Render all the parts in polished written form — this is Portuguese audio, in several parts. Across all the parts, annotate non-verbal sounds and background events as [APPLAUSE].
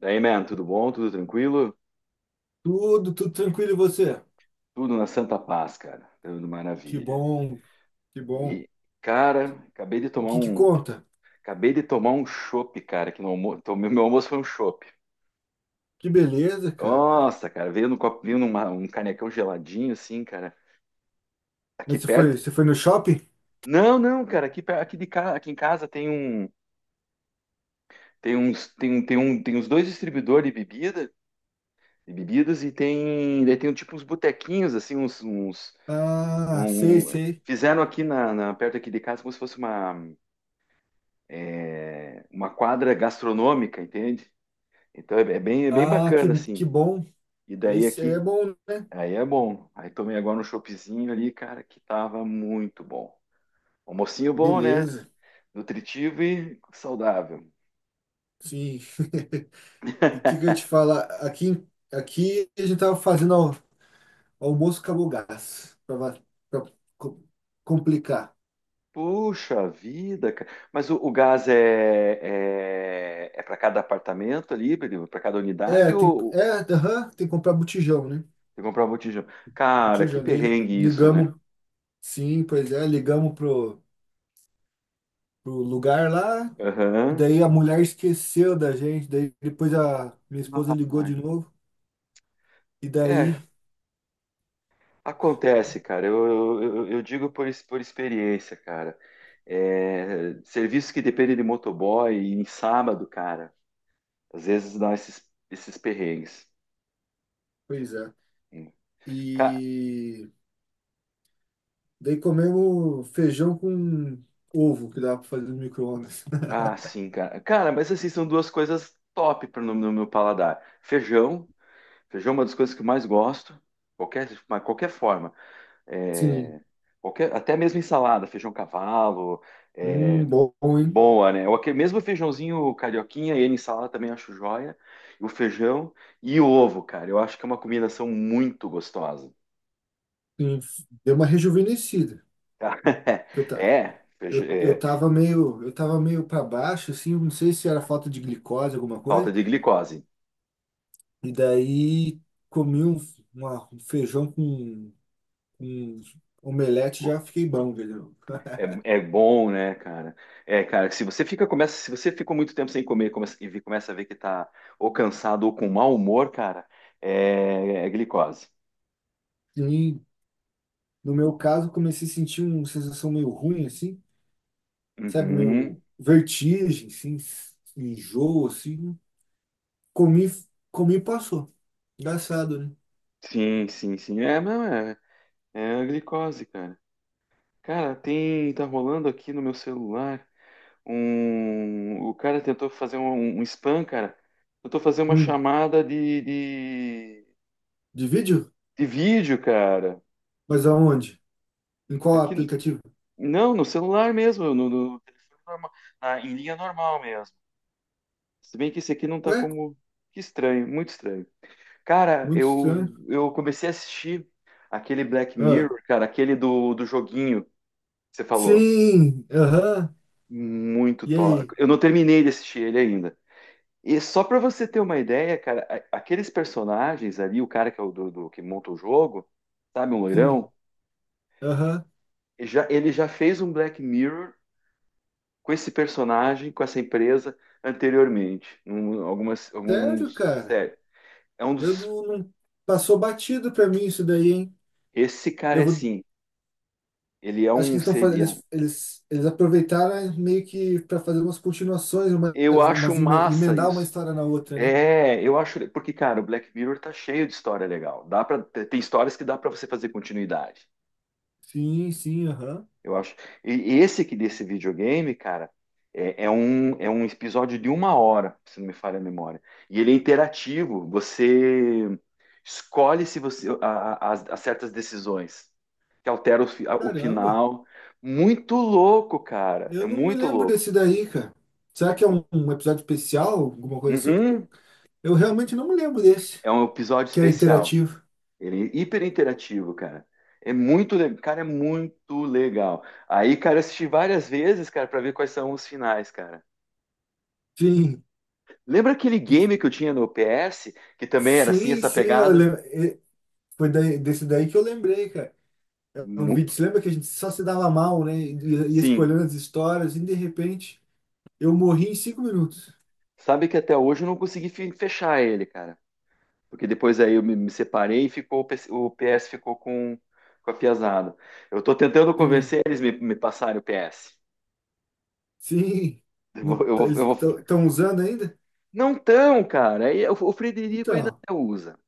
Daí, man, tudo bom? Tudo tranquilo? Tudo, tudo tranquilo e você? Tudo na santa paz, cara. Tudo Que maravilha. bom, que bom. E, cara, acabei de E o tomar que que um, conta? Acabei de tomar um chopp, cara, que no almoço, tomei, meu almoço foi um chopp. Que beleza, cara. Nossa, cara, veio no copinho, um canecão geladinho assim, cara. Aqui Mas perto. você foi no shopping? Não, não, cara, aqui de casa, aqui em casa tem um, tem uns, tem um, tem um, tem uns dois distribuidores de bebida, de bebidas e tem, tipo uns botequinhos assim, Ah, sei, um- sei. fizeram aqui perto aqui de casa como se fosse uma uma quadra gastronômica, entende? Então é bem, é bem Ah, bacana, assim. que bom. E daí É aqui, bom, né? aí é bom. Aí tomei agora um choppzinho ali, cara, que tava muito bom. Almocinho bom, né? Beleza. Nutritivo e saudável. Sim. [LAUGHS] E o que que eu ia te falar? Aqui, aqui a gente tava fazendo almoço acabou o gás. Pra co- complicar. Puxa vida, cara. Mas o gás é para cada apartamento ali, para cada unidade ou Tem que comprar botijão, né? você comprava botijão? Cara, que Botijão dele. perrengue isso, né? Ligamos. Sim, pois é, ligamos pro lugar lá. Aham. Daí a mulher esqueceu da gente. Daí depois a minha esposa Ah, ligou de novo. E é, daí. acontece, cara. Eu digo por experiência, cara. É, serviços que dependem de motoboy e em sábado, cara, às vezes dá esses perrengues. Pois é. Ca- E daí comemos feijão com ovo que dá para fazer no micro-ondas. [LAUGHS] Ah, sim, cara. Cara, mas assim, são duas coisas top no meu paladar. Feijão. Feijão é uma das coisas que eu mais gosto. Qualquer forma. Sim. É, Qualquer, até mesmo ensalada, feijão cavalo. É, Bom, hein? Boa, né? Mesmo o feijãozinho carioquinha, ele em salada também acho joia. O feijão e o ovo, cara. Eu acho que é uma combinação muito gostosa. Sim. Deu uma rejuvenescida. [LAUGHS] Eu, ta- É, feij- eu é, tava meio, eu tava meio para baixo, assim, não sei se era falta de glicose, alguma Falta coisa. de glicose. E daí comi um, um feijão com um omelete, Co- já fiquei bom, velho. É, é bom, né, cara? É, cara, se você ficou muito tempo sem comer, começa a ver que tá ou cansado ou com mau humor, cara, é glicose. E, no meu caso, comecei a sentir uma sensação meio ruim, assim, sabe, Uhum. meio vertigem, assim, enjoo, assim. Comi, Comi e passou. Engraçado, né? Sim. É, não, é, É a glicose, cara. Tá rolando aqui no meu celular o cara tentou fazer um spam, cara. Tentou fazer uma Hum, chamada de vídeo? de vídeo, cara. Mas aonde? Em qual Aqui, aplicativo? não, no celular mesmo, no telefone normal, em linha normal mesmo. Se bem que esse aqui não tá Ué, como, que estranho, muito estranho. Cara, muito estranho. eu comecei a assistir aquele Black Ah, Mirror, cara, aquele do joguinho que você falou. sim, aham. Muito E top. aí? Eu não terminei de assistir ele ainda. E só para você ter uma ideia, cara, aqueles personagens ali, o cara que é o que monta o jogo, sabe, um Sim, loirão, aham. Ele já fez um Black Mirror com esse personagem, com essa empresa anteriormente, alguns Sério, cara? séries. É um Eu dos, não, não- Passou batido pra mim isso daí, hein? esse cara Eu é vou, assim, ele é acho que um eles estão fazendo, seria. eles aproveitaram meio que para fazer umas continuações, umas, Eu acho massa emendar uma isso. história na outra, né? É, eu acho, porque cara, o Black Mirror tá cheio de história legal. Dá para Tem histórias que dá para você fazer continuidade. Sim, sim, aham. Eu acho. E esse aqui desse videogame, cara, é um episódio de uma hora, se não me falha a memória. E ele é interativo. Você escolhe se você a- as- as certas decisões que alteram o Caramba, final. Muito louco, cara. É eu não me muito lembro louco. desse daí, cara. Será que é Eu- um, um episódio especial, alguma coisa assim? Porque Uhum. Eu realmente não me lembro desse, É um episódio que é especial. interativo. Ele é hiper interativo, cara. É muito legal, cara, é muito legal. Aí, cara, eu assisti várias vezes, cara, pra ver quais são os finais, cara. Sim, Lembra aquele e- game que eu tinha no PS, que também era assim, sim, essa sim, eu pegada? lembro. Desse daí que eu lembrei, cara. É um Mu- vídeo, você lembra que a gente só se dava mal, né? Ia Sim. escolhendo as histórias e de repente eu morri em cinco minutos. Sabe que até hoje eu não consegui fechar ele, cara. Porque depois aí eu me separei e ficou, o PS ficou com a piazada. Eu tô tentando Sim, convencer eles me passarem o PS. sim. Eu Não, vou, eu tá- vou- Eles eu vou- estão usando ainda? Não tão, cara. Aí O o Frederico ainda Então, usa.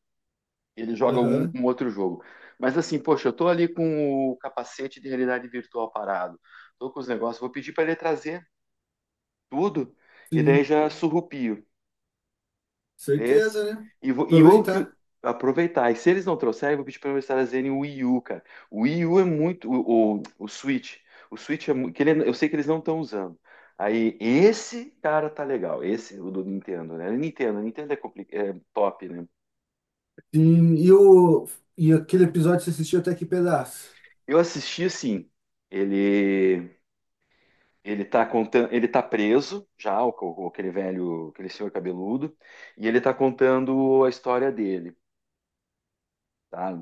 Ele joga aham, um outro jogo. Mas assim, poxa, eu tô ali com o capacete de realidade virtual parado. Tô com os negócios. Vou pedir para ele trazer tudo, e daí sim, já surrupio esse. certeza, né? E eu que Aproveitar. aproveitar. E se eles não trouxerem, eu vou pedir para eles trazerem o Wii U, cara. O Wii U é muito. O Switch. O Switch é muito. Que ele, eu sei que eles não estão usando. Aí, esse cara tá legal. Esse, o do Nintendo, né? Nintendo é top, né? Sim, e, o, e aquele episódio você assistiu até que pedaço? Eu assisti assim. Ele. Ele tá preso já, aquele velho, aquele senhor cabeludo, e ele tá contando a história dele, tá?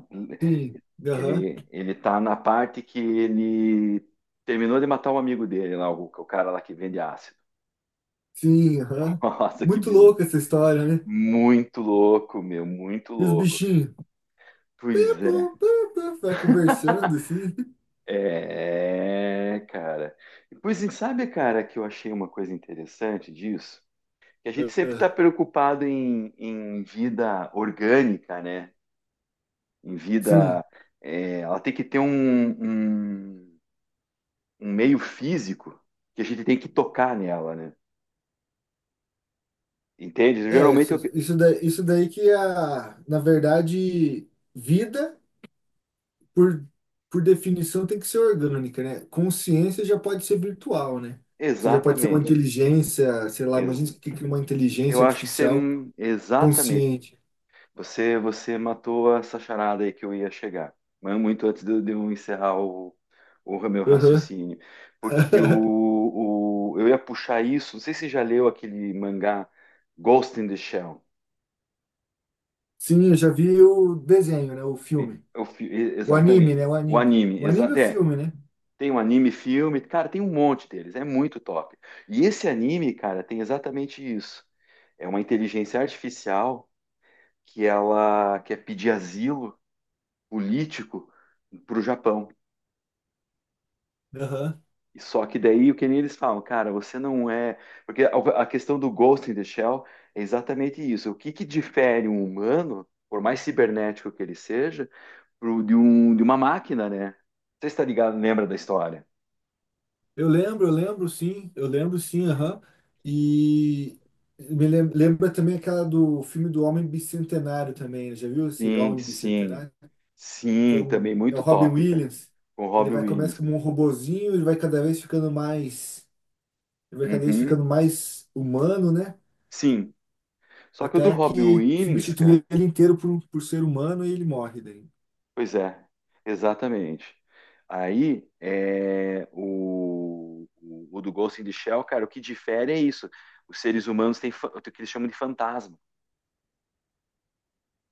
Sim, aham, Ele tá na parte que ele terminou de matar um amigo dele lá, o cara lá que vende ácido. sim, aham. [LAUGHS] Nossa, que Muito bizarro. louca essa história, né? Muito louco, meu, muito E os louco, cara. bichinhos? Pois Piu, é. piu, vai [LAUGHS] conversando assim. É, cara. E sabe, cara, que eu achei uma coisa interessante disso? Que a gente sempre está Aham, preocupado em vida orgânica, né? Em vida. sim, É, ela tem que ter um, um meio físico que a gente tem que tocar nela, né? Entende? é, isso, isso daí que é a, na verdade, vida. por, por definição, tem que ser orgânica, né? Consciência já pode ser virtual, né? Você já pode ser uma Exatamente. inteligência, sei lá, Ex- imagina o que que é uma Eu inteligência acho que você. artificial Exatamente. consciente. Você matou essa charada aí que eu ia chegar. Mas muito antes de eu encerrar o meu Aham. raciocínio. Porque [LAUGHS] eu ia puxar isso. Não sei se você já leu aquele mangá Ghost in the Shell. Sim, eu já vi o desenho, né? O filme. O anime, Exatamente. né? O O anime. anime. O Exa anime é o é. filme, né? Tem um anime, filme, cara, tem um monte deles, é muito top. E esse anime, cara, tem exatamente isso. É uma inteligência artificial que ela quer pedir asilo político para o Japão. Aham. E só que daí o que nem eles falam, cara, você não é, porque a questão do Ghost in the Shell é exatamente isso. O que que difere um humano, por mais cibernético que ele seja, de uma máquina, né? Você está ligado, lembra da história? Eu lembro sim, aham. E lembra também aquela do filme do Homem Bicentenário também, já viu esse Sim, Homem sim. Bicentenário? Que é, Sim, um, também é o muito Robin top, cara. Williams. Com o Ele Robbie vai começa Williams, como cara. um robozinho, ele vai cada vez ficando mais, ele vai cada vez Uhum. ficando mais humano, né? Sim. Só que o do Até Robbie que Williams, cara. substitui ele inteiro por ser humano e ele morre daí. Pois é, exatamente. Aí é o do Ghost in the Shell, cara, o que difere é isso. Os seres humanos têm o que eles chamam de fantasma,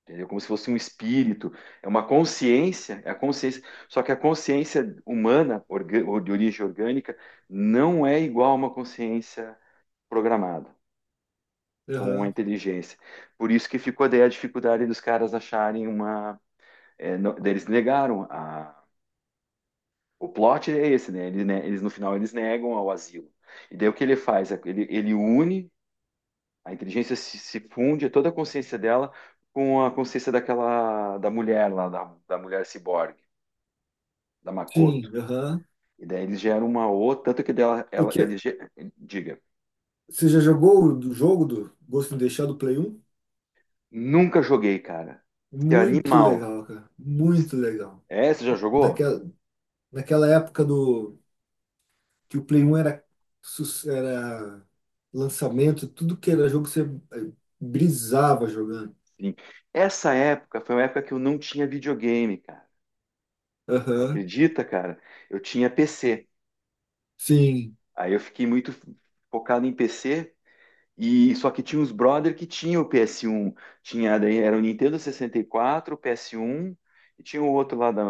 entendeu? Como se fosse um espírito, é uma consciência, é a consciência. Só que a consciência humana, ou de origem orgânica, não é igual a uma consciência programada, como uma Aham. inteligência. Por isso que ficou daí a dificuldade dos caras acharem uma. Daí eles negaram a. O plot é esse, né? Eles no final eles negam ao asilo. E daí o que ele faz? Ele, ele une, a inteligência se funde, toda a consciência dela com a consciência daquela da mulher lá, da mulher ciborgue, da Makoto. Sim, aham. E daí eles geram uma outra, tanto que dela, O ela, que, ele, diga, você já jogou o do jogo do Ghost in the Shell do Play 1? nunca joguei, cara. Que Muito animal. legal, cara. Muito legal. É, você já jogou? Naquela, naquela época do que o Play 1 era, era lançamento, tudo que era jogo você eh, brisava jogando. Sim. Essa época foi uma época que eu não tinha videogame, cara. Você Aham. acredita, cara? Eu tinha PC. Sim, Aí eu fiquei muito focado em PC e só que tinha uns brother que tinha o PS1, tinha daí era o Nintendo 64, o PS1 e tinha o outro lá da.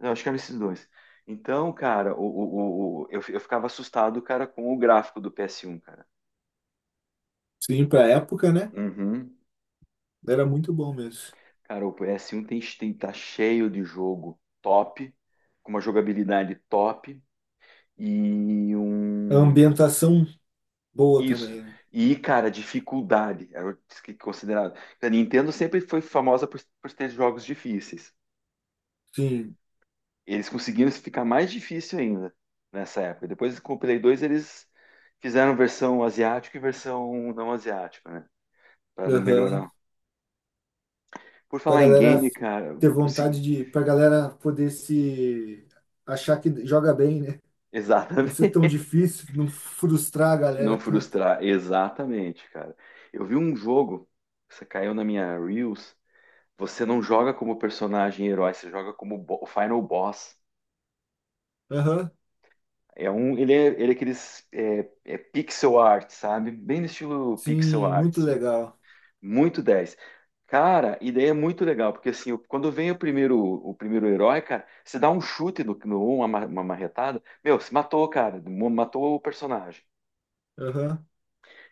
Não, acho que eram esses dois. Então, cara, eu ficava assustado, cara, com o gráfico do PS1, cara. sim, pra época, né? Uhum. Era muito bom mesmo. Cara, tem tá cheio de jogo top, com uma jogabilidade top. E A um. ambientação boa Isso. também, né? E, cara, dificuldade era o que considerado. A Nintendo sempre foi famosa por ter jogos difíceis. Sim, Eles conseguiram ficar mais difícil ainda nessa época. Depois com o Play 2, eles fizeram versão asiática e versão não asiática, né? Para aham. melhorar. Por Pra falar em galera game, cara, ter vontade de. Pra galera poder se. Achar que joga bem, né? [LAUGHS] Não ser exatamente. tão difícil, não frustrar a galera Não tanto. frustrar, exatamente, cara. Eu vi um jogo, isso caiu na minha Reels. Você não joga como personagem herói, você joga como o final boss. Aham, É um, ele é aqueles é pixel art, sabe? Bem no estilo pixel sim, art, muito sim. legal. Muito dez. Cara, ideia é muito legal, porque assim, quando vem o primeiro herói, cara, você dá um chute no, no uma, ma- uma marretada, meu, você matou, cara, matou o personagem. Aham,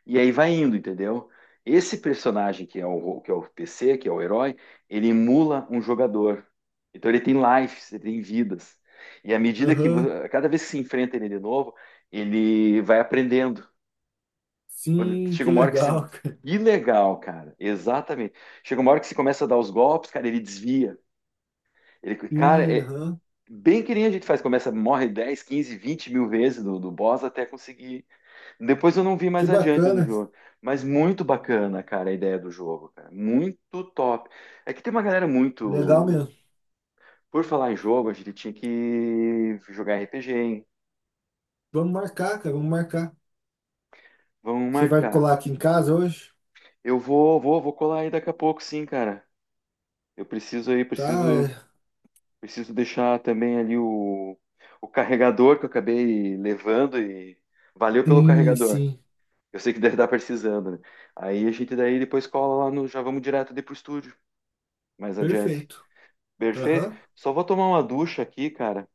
E aí vai indo, entendeu? Esse personagem que é o PC, que é o herói, ele emula um jogador. Então ele tem lives, ele tem vidas. E à medida que, aham, cada vez que se enfrenta ele de novo, ele vai aprendendo. Quando- sim, chega que uma hora que se. legal, [LAUGHS] cara. Que legal, cara. Exatamente. Chega uma hora que você começa a dar os golpes, cara, ele desvia. Ele, cara, Sim, é aham. bem que nem a gente faz, começa, morre 10, 15, 20 mil vezes do boss até conseguir depois eu não vi Que mais adiante do bacana, jogo. Mas muito bacana, cara, a ideia do jogo, cara. Muito top. É que tem uma galera legal mesmo. muito. Por falar em jogo, a gente tinha que jogar RPG, hein? Vamos marcar, cara, vamos marcar. Vamos Você vai marcar. colar aqui em casa hoje? Vou colar aí daqui a pouco, sim, cara. Eu preciso aí, Tá, preciso, é. Preciso deixar também ali o carregador que eu acabei levando e valeu pelo Sim, carregador. sim. Eu sei que deve estar precisando, né? Aí a gente daí depois cola lá no, já vamos direto ali pro estúdio, mais adiante. Perfeito. Perfeito. Aham. Só vou tomar uma ducha aqui, cara.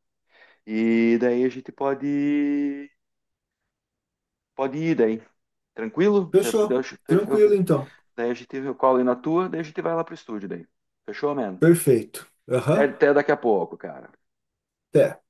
E daí a gente pode, pode ir daí. Tranquilo? Fechou. Eu- Tranquilo, eu- então. Daí a gente eu colo aí na tua, daí a gente vai lá pro estúdio daí. Fechou, mano? Perfeito. Até, Aham. até daqui a pouco, cara. Até.